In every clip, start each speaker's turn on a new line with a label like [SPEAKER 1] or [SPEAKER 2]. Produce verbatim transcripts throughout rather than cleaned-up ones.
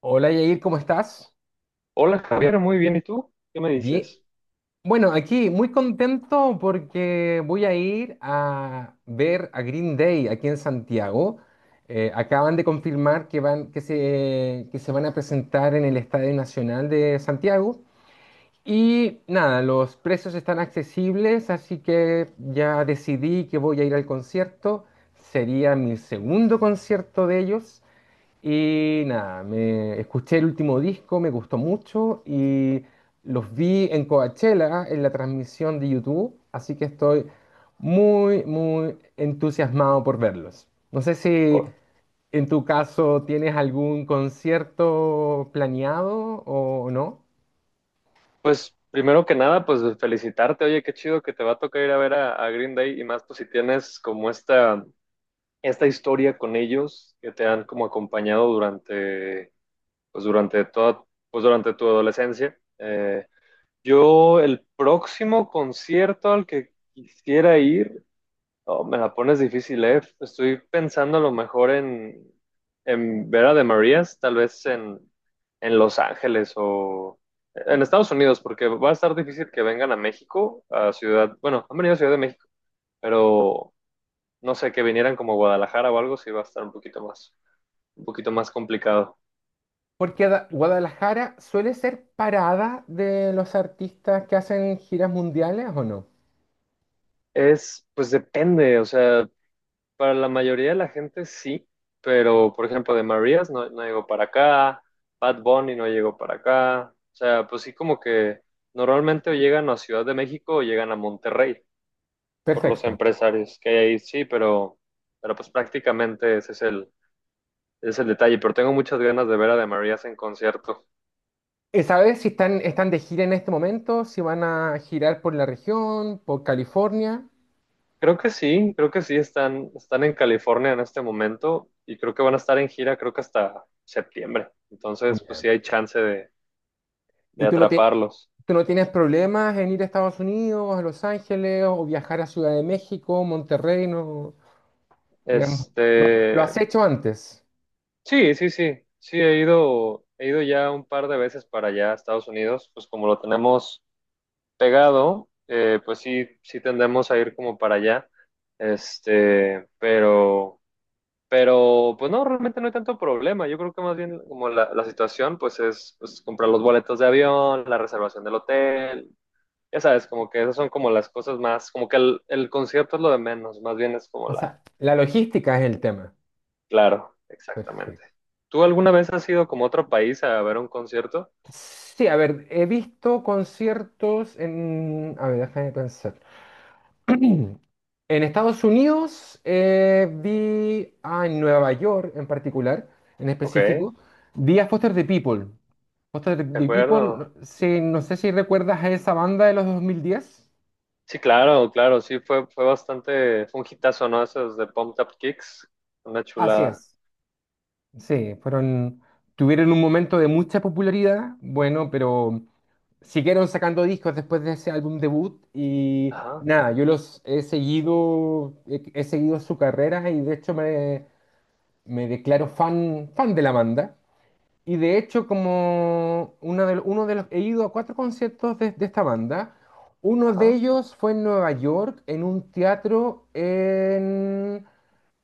[SPEAKER 1] Hola Yair, ¿cómo estás?
[SPEAKER 2] Hola Javier, muy bien. ¿Y tú? ¿Qué me
[SPEAKER 1] Bien.
[SPEAKER 2] dices?
[SPEAKER 1] Bueno, aquí muy contento porque voy a ir a ver a Green Day aquí en Santiago. Eh, acaban de confirmar que van, que se, que se van a presentar en el Estadio Nacional de Santiago. Y nada, los precios están accesibles, así que ya decidí que voy a ir al concierto. Sería mi segundo concierto de ellos. Y nada, me escuché el último disco, me gustó mucho y los vi en Coachella en la transmisión de YouTube, así que estoy muy, muy entusiasmado por verlos. No sé si
[SPEAKER 2] Oh,
[SPEAKER 1] en tu caso tienes algún concierto planeado o no,
[SPEAKER 2] pues primero que nada, pues felicitarte. Oye, qué chido que te va a tocar ir a ver a, a Green Day, y más pues si tienes como esta, esta historia con ellos que te han como acompañado durante, pues durante toda, pues durante tu adolescencia. Eh, yo el próximo concierto al que quisiera ir... Oh, me la pones difícil, ¿eh? Estoy pensando a lo mejor en, en Vera de Marías, tal vez en, en Los Ángeles o en Estados Unidos, porque va a estar difícil que vengan a México, a Ciudad, bueno, han venido a Ciudad de México, pero no sé, que vinieran como a Guadalajara o algo, sí va a estar un poquito más, un poquito más complicado.
[SPEAKER 1] porque Da- Guadalajara suele ser parada de los artistas que hacen giras mundiales o no.
[SPEAKER 2] Es, pues depende, o sea, para la mayoría de la gente sí, pero por ejemplo de Marías no, no llegó para acá, Bad Bunny no llegó para acá, o sea, pues sí como que normalmente o llegan a Ciudad de México o llegan a Monterrey por los
[SPEAKER 1] Perfecto.
[SPEAKER 2] empresarios que hay ahí, sí, pero, pero pues prácticamente ese es el, ese es el detalle, pero tengo muchas ganas de ver a de Marías en concierto.
[SPEAKER 1] Eh, ¿Sabes si están, están de gira en este momento? Si van a girar por la región, por California.
[SPEAKER 2] Creo que sí, creo que sí, están, están en California en este momento y creo que van a estar en gira, creo que hasta septiembre, entonces pues
[SPEAKER 1] Mira,
[SPEAKER 2] sí hay chance de, de
[SPEAKER 1] ¿y tú no, tie-
[SPEAKER 2] atraparlos.
[SPEAKER 1] tú no tienes problemas en ir a Estados Unidos, a Los Ángeles o viajar a Ciudad de México, Monterrey? No, digamos,
[SPEAKER 2] Este,
[SPEAKER 1] lo has hecho antes.
[SPEAKER 2] sí, sí, sí, sí, he ido, he ido ya un par de veces para allá a Estados Unidos, pues como lo tenemos pegado, eh, pues sí, sí tendemos a ir como para allá, este, pero, pero, pues no, realmente no hay tanto problema, yo creo que más bien como la, la situación, pues es pues, comprar los boletos de avión, la reservación del hotel, ya sabes, como que esas son como las cosas más, como que el, el concierto es lo de menos, más bien es como
[SPEAKER 1] O
[SPEAKER 2] la...
[SPEAKER 1] sea, la logística es el tema.
[SPEAKER 2] Claro, exactamente.
[SPEAKER 1] Perfecto.
[SPEAKER 2] ¿Tú alguna vez has ido como a otro país a ver un concierto?
[SPEAKER 1] Sí, a ver, he visto conciertos en... A ver, déjame pensar. En Estados Unidos eh, vi, ah, en Nueva York en particular, en
[SPEAKER 2] Ok, de
[SPEAKER 1] específico, vi a Foster the People. Foster the People,
[SPEAKER 2] acuerdo.
[SPEAKER 1] no si- no sé si recuerdas a esa banda de los dos mil diez.
[SPEAKER 2] Sí, claro, claro, sí, fue, fue bastante, fue un hitazo, ¿no? Esos de Pumped Up Kicks, una
[SPEAKER 1] Así
[SPEAKER 2] chulada.
[SPEAKER 1] es. Sí, fueron, tuvieron un momento de mucha popularidad, bueno, pero siguieron sacando discos después de ese álbum debut y
[SPEAKER 2] Ajá,
[SPEAKER 1] nada, yo los he seguido, he, he seguido su carrera y de hecho me, me declaro fan, fan de la banda. Y de hecho, como una de, uno de los... He ido a cuatro conciertos de, de esta banda. Uno de
[SPEAKER 2] ajá.
[SPEAKER 1] ellos fue en Nueva York, en un teatro en...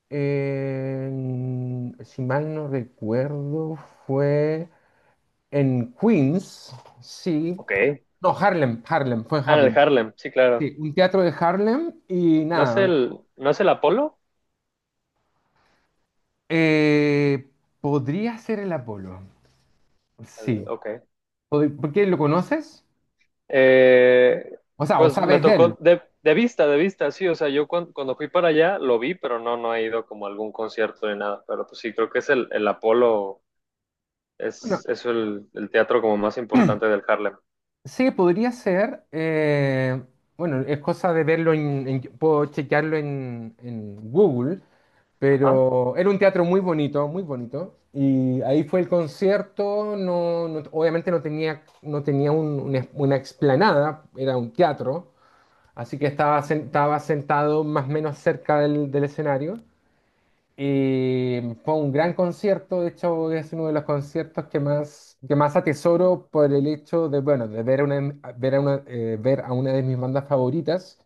[SPEAKER 1] en- si mal no recuerdo, fue en Queens, sí.
[SPEAKER 2] Ok.
[SPEAKER 1] No, Harlem, Harlem, fue en
[SPEAKER 2] Ah, en el
[SPEAKER 1] Harlem.
[SPEAKER 2] Harlem, sí, claro.
[SPEAKER 1] Sí, un teatro de Harlem y
[SPEAKER 2] ¿No es
[SPEAKER 1] nada.
[SPEAKER 2] el, no es el Apolo?
[SPEAKER 1] eh, podría ser el Apolo,
[SPEAKER 2] Al-
[SPEAKER 1] sí.
[SPEAKER 2] Ok.
[SPEAKER 1] Pod- ¿Por qué lo conoces?
[SPEAKER 2] Eh,
[SPEAKER 1] O sea, o
[SPEAKER 2] pues me
[SPEAKER 1] sabes de
[SPEAKER 2] tocó
[SPEAKER 1] él.
[SPEAKER 2] de, de vista, de vista, sí, o sea, yo cuan- cuando fui para allá lo vi, pero no, no he ido como a algún concierto ni nada, pero pues sí, creo que es el, el Apolo. Es,
[SPEAKER 1] Bueno,
[SPEAKER 2] es el, el teatro como más importante del Harlem.
[SPEAKER 1] sí, podría ser. eh, bueno, es cosa de verlo en, en- puedo chequearlo en, en Google,
[SPEAKER 2] Ajá,
[SPEAKER 1] pero era un teatro muy bonito, muy bonito. Y ahí fue el concierto. No, no- obviamente no tenía, no tenía un- una, es- una explanada, era un teatro. Así que estaba, sen- estaba sentado más o menos cerca del, del escenario. Y fue un gran concierto, de hecho es uno de los conciertos que más, que más atesoro por el hecho de, bueno, de ver, una, ver, a una, eh, ver a una de mis bandas favoritas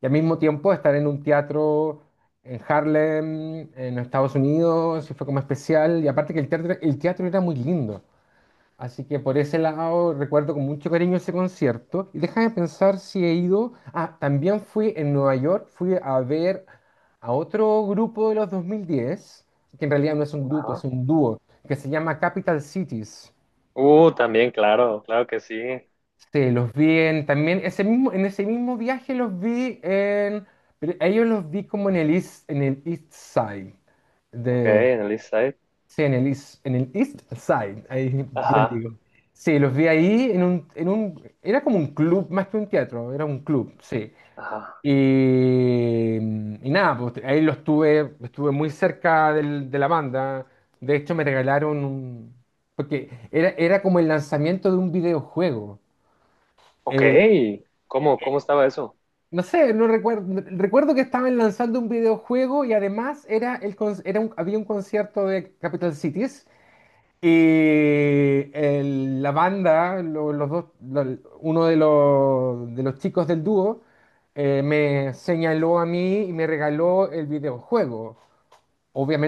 [SPEAKER 1] y al mismo tiempo estar en un teatro en Harlem, en Estados Unidos, y fue como especial. Y aparte que el teatro, el teatro era muy lindo. Así que por ese lado recuerdo con mucho cariño ese concierto. Y déjame pensar si he ido. Ah, también fui en Nueva York, fui a ver a otro grupo de los dos mil diez, que en realidad no es un grupo, es
[SPEAKER 2] ajá.
[SPEAKER 1] un dúo, que se llama Capital Cities.
[SPEAKER 2] Uh, también, claro, claro que sí.
[SPEAKER 1] Sí, los vi en, también ese mismo, en ese mismo viaje los vi en, pero a ellos los vi como en el East, en el East Side.
[SPEAKER 2] Ok, en el East Side.
[SPEAKER 1] Sí, en el East, en el East Side, ahí bien
[SPEAKER 2] Ajá,
[SPEAKER 1] digo. Sí, los vi ahí en un, en un, era como un club, más que un teatro, era un club, sí.
[SPEAKER 2] ajá.
[SPEAKER 1] Y, y nada, pues ahí los tuve, estuve muy cerca del- de la banda. De hecho, me regalaron un, porque era, era como el lanzamiento de un videojuego.
[SPEAKER 2] Ok,
[SPEAKER 1] Eh,
[SPEAKER 2] ¿cómo, cómo estaba eso?
[SPEAKER 1] no sé, no recuerdo, recuerdo que estaban lanzando un videojuego y además era el, con- era un- había un concierto de Capital Cities. Y el- la banda, lo- los dos, lo- uno de los, de los chicos del dúo, eh, me señaló a mí y me regaló el videojuego.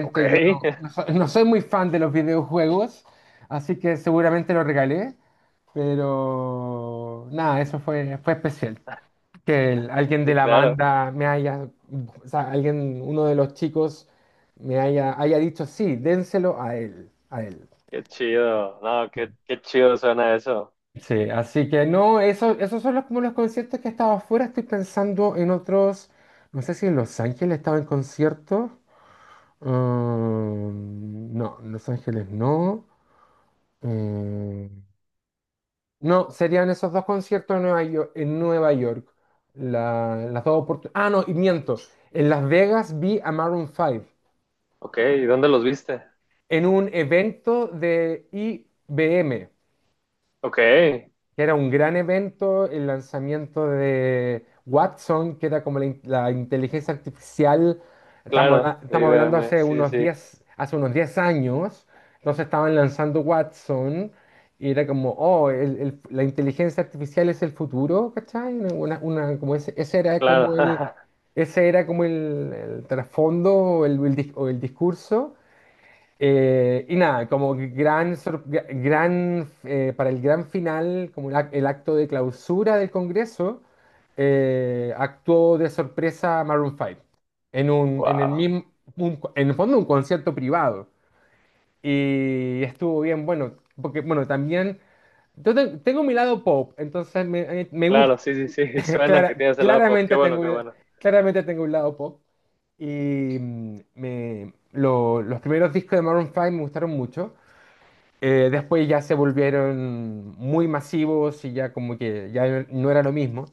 [SPEAKER 2] Ok,
[SPEAKER 1] yo no, no so- no soy muy fan de los videojuegos, así que seguramente lo regalé, pero nada, eso fue, fue especial. Que el- alguien de
[SPEAKER 2] sí,
[SPEAKER 1] la
[SPEAKER 2] claro.
[SPEAKER 1] banda me haya, o sea, alguien, uno de los chicos me haya, haya dicho, sí, dénselo a él, a él.
[SPEAKER 2] Qué chido. No, qué, qué chido suena eso.
[SPEAKER 1] Sí, así que no, eso, esos son los, como los conciertos que he estado afuera. Estoy pensando en otros. No sé si en Los Ángeles estaba en concierto. Mm, no, en Los Ángeles no. Eh, no, serían esos dos conciertos en Nueva York. En Nueva York. La- las dos oportunidades. Ah, no, y miento. En Las Vegas vi a Maroon cinco
[SPEAKER 2] Ok, ¿y dónde los viste?
[SPEAKER 1] en un evento de I B M,
[SPEAKER 2] Ok,
[SPEAKER 1] que era un gran evento, el lanzamiento de Watson, que era como la, in- la inteligencia artificial, estamos, habla-
[SPEAKER 2] claro, de
[SPEAKER 1] estamos hablando
[SPEAKER 2] I B M.
[SPEAKER 1] hace
[SPEAKER 2] Sí,
[SPEAKER 1] unos
[SPEAKER 2] sí, sí,
[SPEAKER 1] diez, hace unos diez años, entonces estaban lanzando Watson y era como, oh, el- el- la inteligencia artificial es el futuro, ¿cachai? Una, una- una- como ese, ese era
[SPEAKER 2] claro.
[SPEAKER 1] como el, ese era como el, el trasfondo o el, o el dis- o el discurso. Eh, y nada, como gran, sor- gra- gran eh, para el gran final, como el ac- el acto de clausura del Congreso, eh, actuó de sorpresa Maroon cinco en un, en el
[SPEAKER 2] Wow,
[SPEAKER 1] mismo, un- en el fondo un concierto privado. Y estuvo bien, bueno, porque bueno, también yo te- tengo mi lado pop, entonces me, eh, me gusta,
[SPEAKER 2] claro, sí, sí, sí. Suena que
[SPEAKER 1] clara-
[SPEAKER 2] tienes el lado pop. Qué
[SPEAKER 1] claramente
[SPEAKER 2] bueno,
[SPEAKER 1] tengo,
[SPEAKER 2] qué
[SPEAKER 1] un-
[SPEAKER 2] bueno.
[SPEAKER 1] claramente tengo un lado pop. Y mm, me, lo- los primeros discos de Maroon cinco me gustaron mucho. Eh, después ya se volvieron muy masivos y ya como que ya no era lo mismo.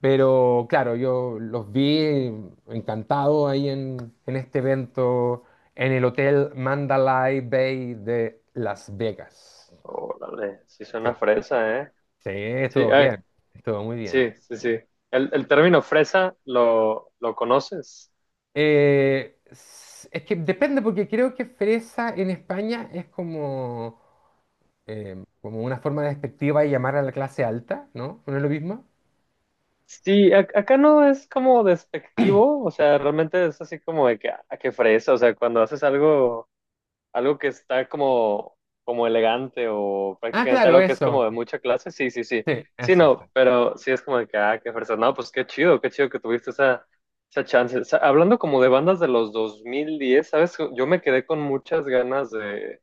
[SPEAKER 1] Pero claro, yo los vi encantados ahí en, en este evento en el Hotel Mandalay Bay de Las Vegas.
[SPEAKER 2] Órale, sí
[SPEAKER 1] Sí,
[SPEAKER 2] suena fresa, ¿eh?
[SPEAKER 1] sí,
[SPEAKER 2] Sí,
[SPEAKER 1] estuvo
[SPEAKER 2] ay,
[SPEAKER 1] bien, estuvo muy bien.
[SPEAKER 2] sí, sí, sí. El, el término fresa, ¿lo, lo conoces?
[SPEAKER 1] Eh, s- es que depende porque creo que fresa en España es como, eh, como una forma despectiva de llamar a la clase alta, ¿no? ¿No es lo mismo?
[SPEAKER 2] Sí, ac- acá no es como despectivo, o sea, realmente es así como de que, a que fresa, o sea, cuando haces algo, algo que está como, como elegante o
[SPEAKER 1] Ah,
[SPEAKER 2] prácticamente
[SPEAKER 1] claro,
[SPEAKER 2] algo que es como
[SPEAKER 1] eso.
[SPEAKER 2] de mucha clase, sí, sí, sí.
[SPEAKER 1] Sí,
[SPEAKER 2] Sí,
[SPEAKER 1] eso es.
[SPEAKER 2] no, pero sí es como de que, ah, qué fresa. No, pues qué chido, qué chido que tuviste esa, esa chance. O sea, hablando como de bandas de los dos mil diez, ¿sabes? Yo me quedé con muchas ganas de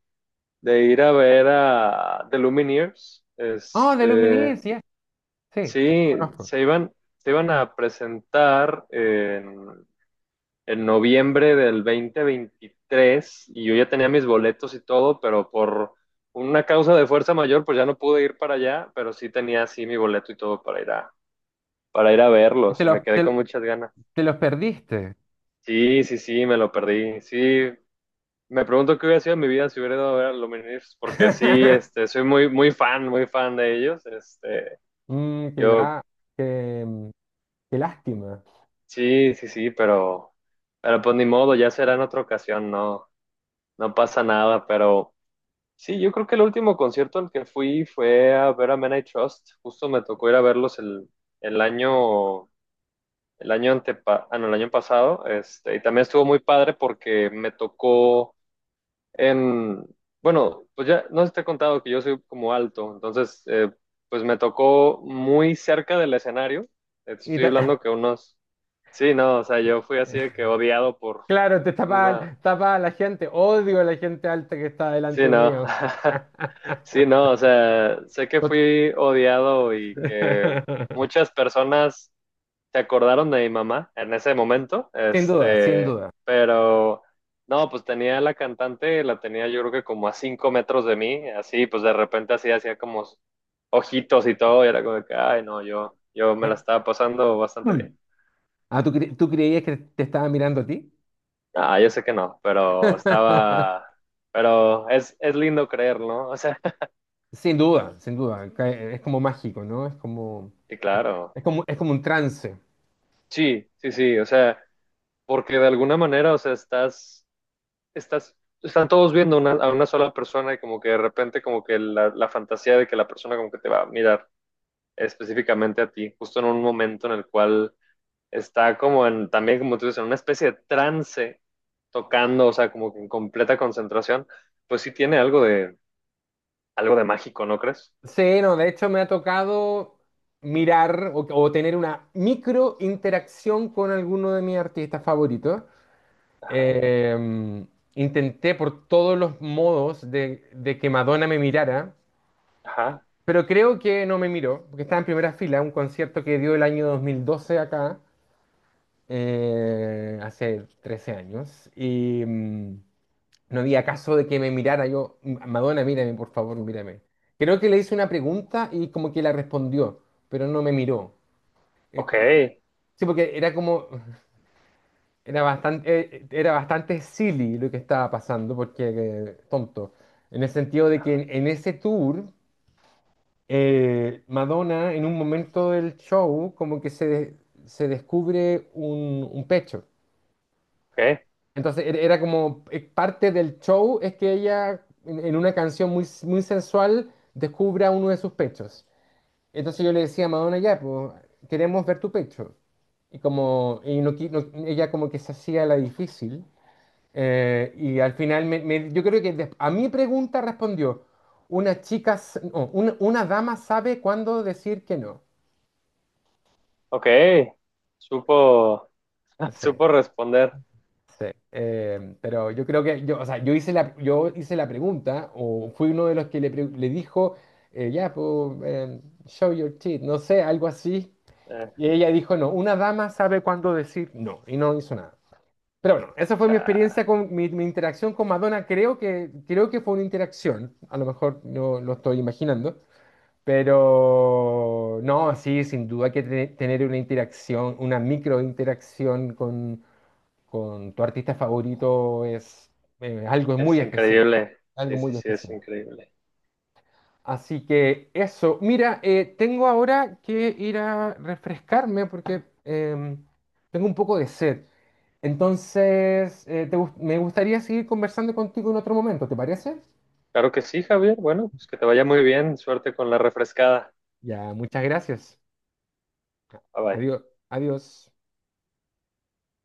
[SPEAKER 2] de ir a ver a The Lumineers.
[SPEAKER 1] Oh, de
[SPEAKER 2] Este,
[SPEAKER 1] Luminis, ya. Sí, sí, los
[SPEAKER 2] sí,
[SPEAKER 1] conozco.
[SPEAKER 2] se iban, se iban a presentar en, en noviembre del dos mil veintitrés, y yo ya tenía mis boletos y todo, pero por una causa de fuerza mayor, pues ya no pude ir para allá, pero sí tenía así mi boleto y todo para ir a, para ir a
[SPEAKER 1] Y te
[SPEAKER 2] verlos y me
[SPEAKER 1] los,
[SPEAKER 2] quedé con
[SPEAKER 1] te,
[SPEAKER 2] muchas ganas.
[SPEAKER 1] te los perdiste.
[SPEAKER 2] Sí, sí, sí, me lo perdí. Sí, me pregunto qué hubiera sido mi vida si hubiera ido a ver a Lumineers, porque sí, este, soy muy, muy fan, muy fan de ellos. Este,
[SPEAKER 1] Mm, qué,
[SPEAKER 2] yo,
[SPEAKER 1] la, qué, mm, qué lástima.
[SPEAKER 2] sí, sí, sí, pero, pero pues ni modo, ya será en otra ocasión, no, no pasa nada. Pero sí, yo creo que el último concierto al que fui fue a ver a Men I Trust. Justo me tocó ir a verlos el, el año, el año antepa, ah, no, el año pasado. Este, y también estuvo muy padre porque me tocó... Em, bueno, pues ya no te he contado que yo soy como alto, entonces eh, pues me tocó muy cerca del escenario. Eh, te
[SPEAKER 1] Y
[SPEAKER 2] estoy
[SPEAKER 1] te-
[SPEAKER 2] hablando que unos... Sí, no, o sea, yo fui así de que odiado por
[SPEAKER 1] claro, te tapa,
[SPEAKER 2] una...
[SPEAKER 1] tapa a la gente. Odio a la gente alta que está
[SPEAKER 2] Sí,
[SPEAKER 1] delante
[SPEAKER 2] no.
[SPEAKER 1] mío.
[SPEAKER 2] Sí, no, o sea, sé que
[SPEAKER 1] Tot-
[SPEAKER 2] fui odiado y que muchas personas se acordaron de mi mamá en ese momento,
[SPEAKER 1] Sin duda, sin
[SPEAKER 2] este,
[SPEAKER 1] duda.
[SPEAKER 2] pero no, pues tenía la cantante, la tenía yo creo que como a cinco metros de mí, así, pues de repente así hacía como ojitos y todo, y era como que, ay, no, yo, yo me la
[SPEAKER 1] Eh,
[SPEAKER 2] estaba pasando bastante
[SPEAKER 1] mm.
[SPEAKER 2] bien.
[SPEAKER 1] Ah, ¿tú, cre- tú creías que te estaba mirando a ti?
[SPEAKER 2] Ah, yo sé que no, pero estaba, pero es, es lindo creer, ¿no? O sea,
[SPEAKER 1] Sin duda, sin duda. Ca- Es como mágico, ¿no? Es como,
[SPEAKER 2] sí, claro,
[SPEAKER 1] es como, es como un trance.
[SPEAKER 2] sí, sí, sí, o sea, porque de alguna manera, o sea, estás estás, están todos viendo una- a una sola persona y como que de repente como que la, la fantasía de que la persona como que te va a mirar específicamente a ti, justo en un momento en el cual está como en, también como tú dices, en una especie de trance tocando, o sea, como que en completa concentración, pues sí tiene algo de, algo de mágico, ¿no crees?
[SPEAKER 1] Sí, no, de hecho me ha tocado mirar o, o tener una micro interacción con alguno de mis artistas favoritos.
[SPEAKER 2] Ajá,
[SPEAKER 1] Eh, intenté por todos los modos de, de que Madonna me mirara,
[SPEAKER 2] ajá,
[SPEAKER 1] pero creo que no me miró, porque estaba en primera fila, un concierto que dio el año dos mil doce acá, eh, hace trece años, y, mm, no había caso de que me mirara yo. Madonna, mírame, por favor, mírame. Creo que le hice una pregunta y como que la respondió, pero no me miró. Es
[SPEAKER 2] ok,
[SPEAKER 1] como- Sí, porque era como, era bastante, eh, era bastante silly lo que estaba pasando, porque eh, tonto. En el sentido de que en, en ese tour, eh, Madonna, en un momento del show, como que se, se descubre un un pecho.
[SPEAKER 2] ok,
[SPEAKER 1] Entonces era era como eh, parte del show es que ella en, en una canción muy, s- muy sensual descubra uno de sus pechos. Entonces yo le decía a Madonna, ya, pues, queremos ver tu pecho. Y como y no, qui- no- ella como que se hacía la difícil. eh, y al final me- me- yo creo que des- a mi pregunta respondió, una chica, s- no, una, una dama sabe cuándo decir que no.
[SPEAKER 2] ok, supo,
[SPEAKER 1] Sí.
[SPEAKER 2] supo responder.
[SPEAKER 1] Sí, eh, pero yo creo que yo, o sea, yo hice la, yo hice la pregunta o fui uno de los que le, pre- le dijo, eh, ya, pues, eh, show your teeth, no sé, algo así.
[SPEAKER 2] Eh,
[SPEAKER 1] Y ella dijo, no, una dama sabe cuándo decir no, y no hizo nada. Pero bueno, esa fue mi
[SPEAKER 2] Cha,
[SPEAKER 1] experiencia con mi, mi interacción con Madonna. Creo que, creo que fue una interacción, a lo mejor no lo estoy imaginando, pero no, sí, sin duda que te- tener una interacción, una microinteracción con con tu artista favorito es eh, algo
[SPEAKER 2] es
[SPEAKER 1] muy especial,
[SPEAKER 2] increíble, sí,
[SPEAKER 1] algo
[SPEAKER 2] sí,
[SPEAKER 1] muy
[SPEAKER 2] sí, es
[SPEAKER 1] especial.
[SPEAKER 2] increíble.
[SPEAKER 1] Así que eso, mira, eh, tengo ahora que ir a refrescarme porque em, tengo un poco de sed. Entonces, eh, te gust- me gustaría seguir conversando contigo en otro momento, ¿te parece?
[SPEAKER 2] Claro que sí, Javier. Bueno, pues que te vaya muy bien. Suerte con la refrescada.
[SPEAKER 1] Ya, muchas gracias.
[SPEAKER 2] Bye bye.
[SPEAKER 1] Adiós, adiós.